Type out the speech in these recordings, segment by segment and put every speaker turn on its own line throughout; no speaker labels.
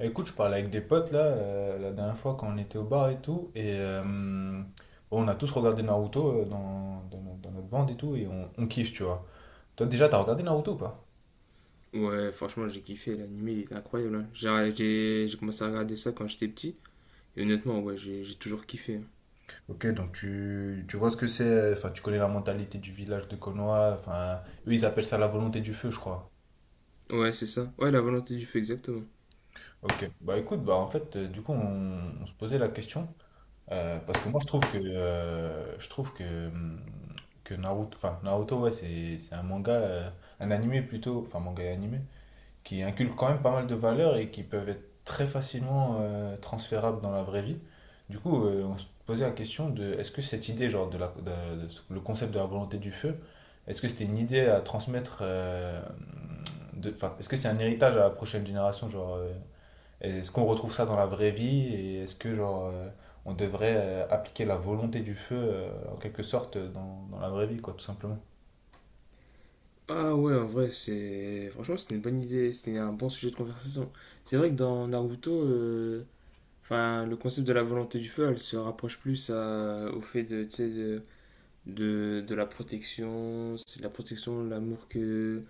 Écoute, je parlais avec des potes là, la dernière fois quand on était au bar et tout, et on a tous regardé Naruto dans, dans no- dans notre bande et tout, et on kiffe, tu vois. Toi déjà, t'as regardé Naruto ou pas?
Ouais, franchement, j'ai kiffé, l'animé, il était incroyable. Hein. J'ai commencé à regarder ça quand j'étais petit, et honnêtement, ouais, j'ai toujours kiffé.
Ok, donc tu vois ce que c'est, enfin tu connais la mentalité du village de Konoha, enfin eux ils appellent ça la volonté du feu, je crois.
Hein. Ouais, c'est ça. Ouais, la volonté du feu, exactement.
Ok, bah écoute, bah en fait, du coup on se posait la question. Parce que moi je trouve hum, que Naruto, ouais, c'est un manga un animé plutôt, enfin manga et animé, qui inculque quand même pas mal de valeurs et qui peuvent être très facilement transférables dans la vraie vie. Du coup on se posait la question de est-ce que cette idée genre de le concept de la volonté du feu, est-ce que c'était une idée à transmettre, de enfin est-ce que c'est un héritage à la prochaine génération, genre est-ce qu'on retrouve ça dans la vraie vie, et est-ce que genre on devrait appliquer la volonté du feu en quelque sorte, dans la vraie vie, quoi, tout simplement.
Ah ouais, en vrai, franchement, c'était une bonne idée, c'était un bon sujet de conversation. C'est vrai que dans Naruto, enfin, le concept de la volonté du feu, elle se rapproche plus au fait de, tu sais, de la protection, c'est de la protection, l'amour que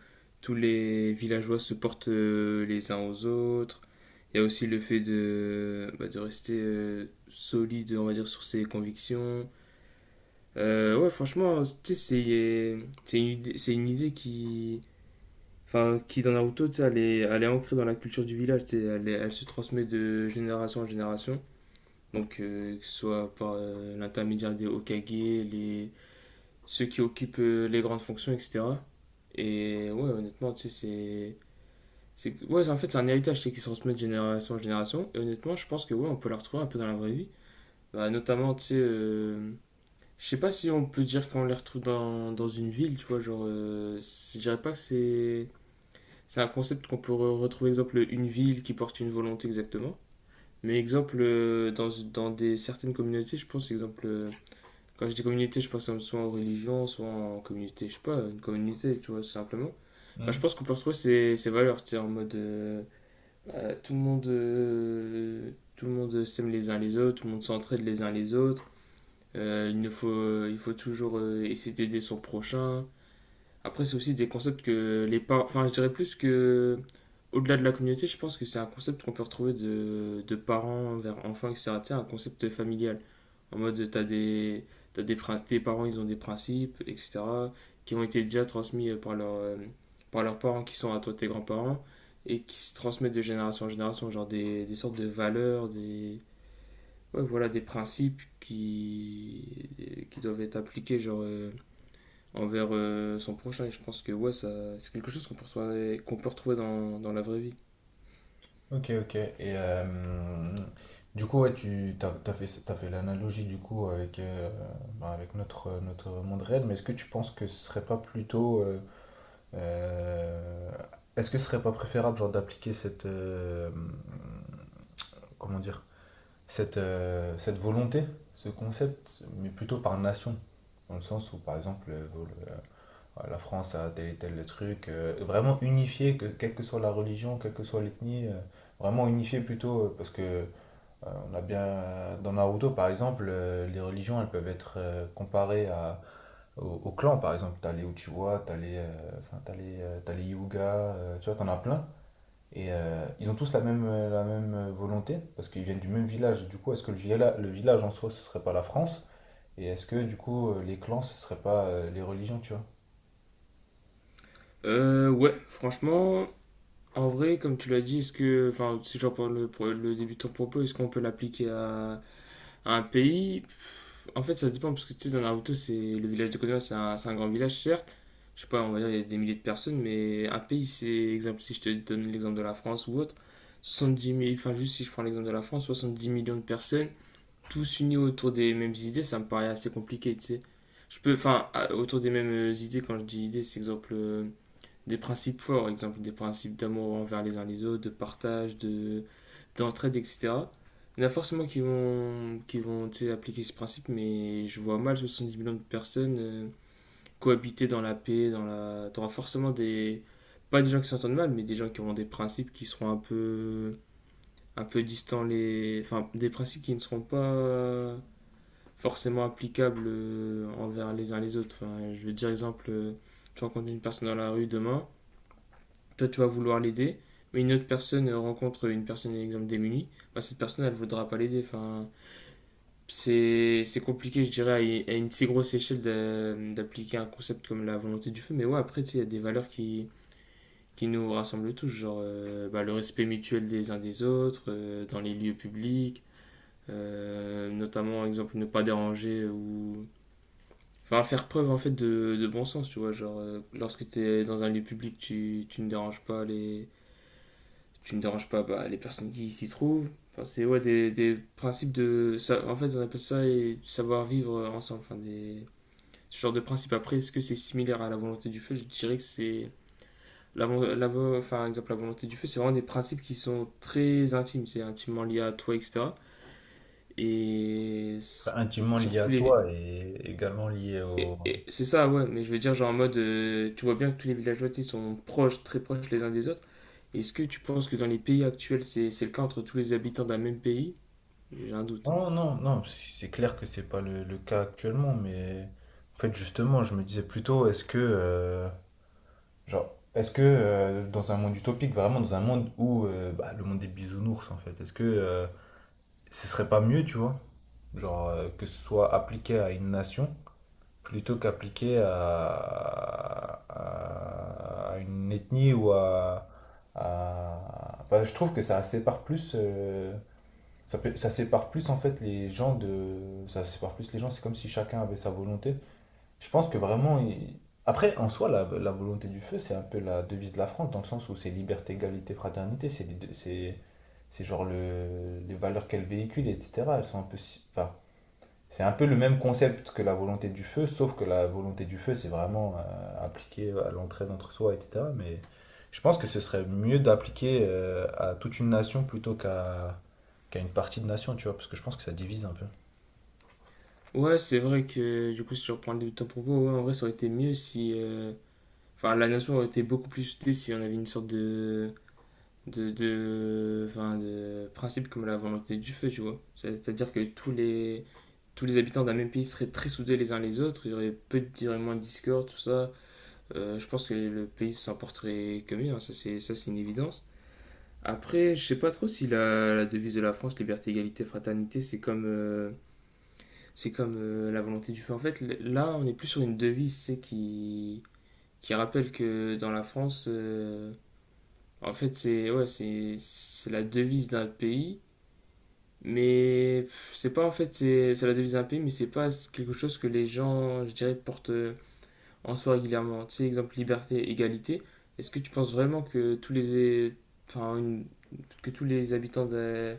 tous les villageois se portent les uns aux autres. Il y a aussi le fait de, bah, de rester solide, on va dire, sur ses convictions. Ouais, franchement, tu sais, c'est une idée qui, enfin, qui dans Naruto, tu sais, elle est ancrée dans la culture du village, tu sais, elle se transmet de génération en génération. Donc, que ce soit par l'intermédiaire des Hokage, ceux qui occupent les grandes fonctions, etc. Et ouais, honnêtement, tu sais, c'est. C'est ouais, en fait, c'est un héritage tu sais, qui se transmet de génération en génération. Et honnêtement, je pense que ouais, on peut la retrouver un peu dans la vraie vie. Bah, notamment, tu sais, je sais pas si on peut dire qu'on les retrouve dans une ville, tu vois. Genre, je dirais pas que C'est un concept qu'on peut retrouver, exemple, une ville qui porte une volonté exactement. Mais exemple, dans des, certaines communautés, je pense, exemple, quand je dis communauté, je pense soit en religion, soit en communauté, je sais pas, une communauté, tu vois, simplement. Bah, je
Hmm.
pense qu'on peut retrouver ces valeurs, tu sais, en mode tout le monde, s'aime les uns les autres, tout le monde s'entraide les uns les autres. Il ne faut, il faut toujours essayer d'aider son prochain. Après, c'est aussi des concepts que les parents, enfin, je dirais plus que au-delà de la communauté, je pense que c'est un concept qu'on peut retrouver de parents vers enfants, etc. Tu sais, un concept familial. En mode, tes parents, ils ont des principes, etc. qui ont été déjà transmis par leurs parents, qui sont à toi tes grands-parents, et qui se transmettent de génération en génération, genre des sortes de valeurs, ouais, voilà, des principes qui doivent être appliqués, genre, envers son prochain. Et je pense que ouais, ça, c'est quelque chose qu'on peut retrouver dans la vraie vie.
Ok, ok, et du coup, ouais, tu t'as, t'as fait l'analogie du coup avec bah, avec notre notre monde réel, mais est-ce que tu penses que ce serait pas plutôt euh, est-ce que ce serait pas préférable, genre, d'appliquer cette comment dire, cette, cette volonté, ce concept, mais plutôt par nation. Dans le sens où, par exemple, la France a tel et tel truc, vraiment unifié, que, quelle que soit la religion, quelle que soit l'ethnie, vraiment unifié plutôt, parce que on a bien, dans Naruto, par exemple, les religions, elles peuvent être comparées à, au clan, par exemple. T'as les Uchiwa, t'as les Hyuga, tu vois, t'en as plein. Et ils ont tous la même, volonté, parce qu'ils viennent du même village. Du coup, est-ce que le village, en soi, ce serait pas la France? Et est-ce que, du coup, les clans, ce serait pas les religions, tu vois?
Ouais, franchement, en vrai, comme tu l'as dit, est-ce que, enfin, si je reprends le début de ton propos, est-ce qu'on peut l'appliquer à un pays? En fait, ça dépend, parce que tu sais, dans Naruto, c'est le village de Konoha, c'est un grand village, certes. Je sais pas, on va dire, il y a des milliers de personnes, mais un pays, c'est, exemple, si je te donne l'exemple de la France ou autre, soixante-dix 000, enfin, juste si je prends l'exemple de la France, 70 millions de personnes, tous unis autour des mêmes idées, ça me paraît assez compliqué, tu sais. Je peux, enfin, autour des mêmes idées, quand je dis idées, c'est exemple, des principes forts, exemple des principes d'amour envers les uns les autres, de partage, de d'entraide, etc. Il y en a forcément qui vont tu sais, appliquer ce principe, mais je vois mal 70 millions de personnes cohabiter dans la paix, dans t'auras forcément pas des gens qui s'entendent mal, mais des gens qui auront des principes qui seront un un peu distants enfin, des principes qui ne seront pas forcément applicables envers les uns les autres. Enfin, je veux dire, exemple, tu rencontres une personne dans la rue demain, toi tu vas vouloir l'aider, mais une autre personne rencontre une personne, exemple, démunie, bah, cette personne, elle voudra pas l'aider. Enfin, c'est compliqué, je dirais, à une si grosse échelle d'appliquer un concept comme la volonté du feu, mais ouais, après, tu sais, il y a des valeurs qui nous rassemblent tous, genre bah, le respect mutuel des uns des autres, dans les lieux publics, notamment, exemple, ne pas déranger enfin, faire preuve en fait de bon sens, tu vois, genre lorsque tu es dans un lieu public, tu ne déranges pas tu ne déranges pas bah, les personnes qui s'y trouvent. Enfin, c'est ouais, des principes en fait, on appelle ça et savoir-vivre ensemble. Enfin, ce genre de principe. Après, est-ce que c'est similaire à la volonté du feu? Je dirais que c'est. Enfin, exemple, la volonté du feu, c'est vraiment des principes qui sont très intimes. C'est intimement lié à toi, etc. Et.
Enfin, intimement
Genre,
lié à
tous les.
toi et également lié
et-
au...
et C'est ça, ouais, mais je veux dire, genre en mode, tu vois bien que tous les villageois, tu sais, sont proches, très proches les uns des autres. Est-ce que tu penses que dans les pays actuels, c'est le cas entre tous les habitants d'un même pays? J'ai un doute.
Non, non, non, si, c'est clair que c'est pas le cas actuellement, mais en fait, justement, je me disais plutôt, est-ce que, est-ce que dans un monde utopique, vraiment dans un monde où bah, le monde des bisounours, en fait, est-ce que ce serait pas mieux, tu vois, genre, que ce soit appliqué à une nation plutôt qu'appliqué à une ethnie ou enfin, je trouve que ça sépare plus, ça sépare plus en fait les gens ça sépare plus les gens. C'est comme si chacun avait sa volonté, je pense que vraiment après, en soi, la volonté du feu, c'est un peu la devise de la France, dans le sens où c'est liberté, égalité, fraternité. C'est genre les valeurs qu'elle véhicule, etc. Elles sont un peu enfin, c'est un peu le même concept que la volonté du feu, sauf que la volonté du feu, c'est vraiment appliqué à l'entraide entre soi, etc. Mais je pense que ce serait mieux d'appliquer à toute une nation plutôt qu'à qu'à une partie de nation, tu vois, parce que je pense que ça divise un peu.
Ouais, c'est vrai que du coup, si je reprends le début de ton propos, ouais, en vrai, ça aurait été mieux si. Enfin, la nation aurait été beaucoup plus soutenue si on avait une sorte de. Enfin, de principe comme la volonté du feu, tu vois. C'est-à-dire que tous les habitants d'un même pays seraient très soudés les uns les autres, il y aurait moins de discorde, tout ça. Je pense que le pays s'en porterait que mieux, hein, ça, c'est une évidence. Après, je sais pas trop si la devise de la France, liberté, égalité, fraternité, c'est comme la volonté du feu. En fait, là, on est plus sur une devise, c'est qui rappelle que dans la France, en fait, c'est ouais, c'est la devise d'un pays, mais pff, c'est pas en fait c'est la devise d'un pays, mais c'est pas quelque chose que les gens, je dirais, portent en soi régulièrement. Tu sais, exemple liberté, égalité. Est-ce que tu penses vraiment que tous les é- enfin une- que tous les habitants de,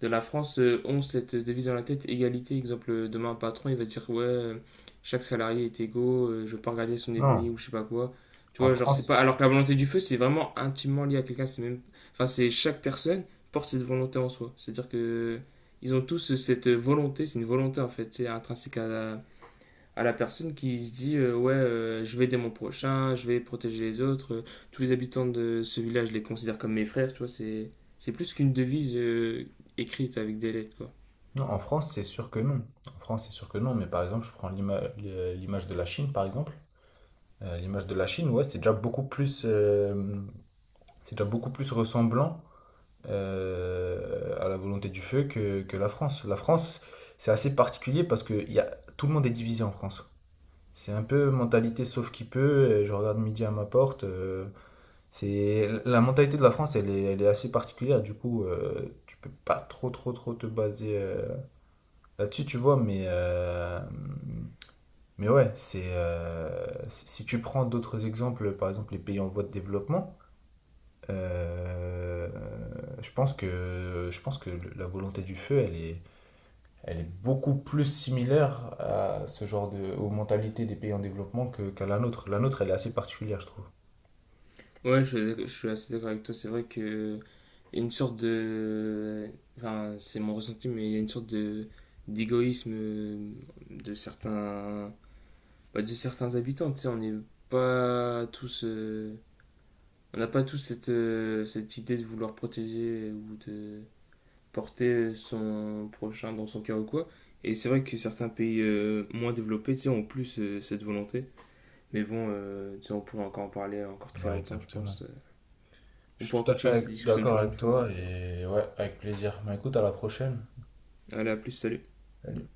de la France ont cette devise dans la tête, égalité. Exemple, demain un patron, il va dire ouais, chaque salarié est égaux, je veux pas regarder son
Non.
ethnie ou je sais pas quoi. Tu
En
vois, genre c'est
France.
pas. Alors que la volonté du feu, c'est vraiment intimement lié à quelqu'un. C'est même, enfin c'est chaque personne porte cette volonté en soi. C'est-à-dire que ils ont tous cette volonté, c'est une volonté en fait, c'est intrinsèque à la personne qui se dit ouais je vais aider mon prochain, je vais protéger les autres, tous les habitants de ce village je les considère comme mes frères, tu vois, c'est plus qu'une devise écrite avec des lettres quoi.
Non, en France, c'est sûr que non. En France, c'est sûr que non. Mais par exemple, je prends l'image de la Chine, par exemple. L'image de la Chine, ouais, c'est déjà beaucoup plus, c'est déjà beaucoup plus ressemblant à la volonté du feu que la France. La France, c'est assez particulier parce que il y a, tout le monde est divisé en France. C'est un peu mentalité sauf qui peut. Je regarde midi à ma porte. C'est la mentalité de la France, elle est assez particulière. Du coup, tu peux pas trop te baser là-dessus, tu vois, mais ouais, c'est si tu prends d'autres exemples, par exemple les pays en voie de développement, euh, je pense que la volonté du feu, elle est beaucoup plus similaire à ce genre de, aux mentalités des pays en développement que, qu'à la nôtre. La nôtre, elle est assez particulière, je trouve.
Ouais, je suis assez d'accord avec toi, c'est vrai que il y a une sorte de enfin c'est mon ressenti mais il y a une sorte de d'égoïsme de certains de certains habitants, tu sais, on n'est pas tous on n'a pas tous cette idée de vouloir protéger ou de porter son prochain dans son cœur ou quoi. Et c'est vrai que certains pays moins développés tu sais, ont plus cette volonté. Mais bon, tu sais, on pourra encore en parler encore très
Ouais,
longtemps, je
exactement.
pense.
Je
On
suis
pourra
tout à fait
continuer cette discussion une
d'accord
prochaine
avec
fois. Ouais.
toi, et ouais, avec plaisir. Bah écoute, à la prochaine.
Allez, à plus, salut.
Salut.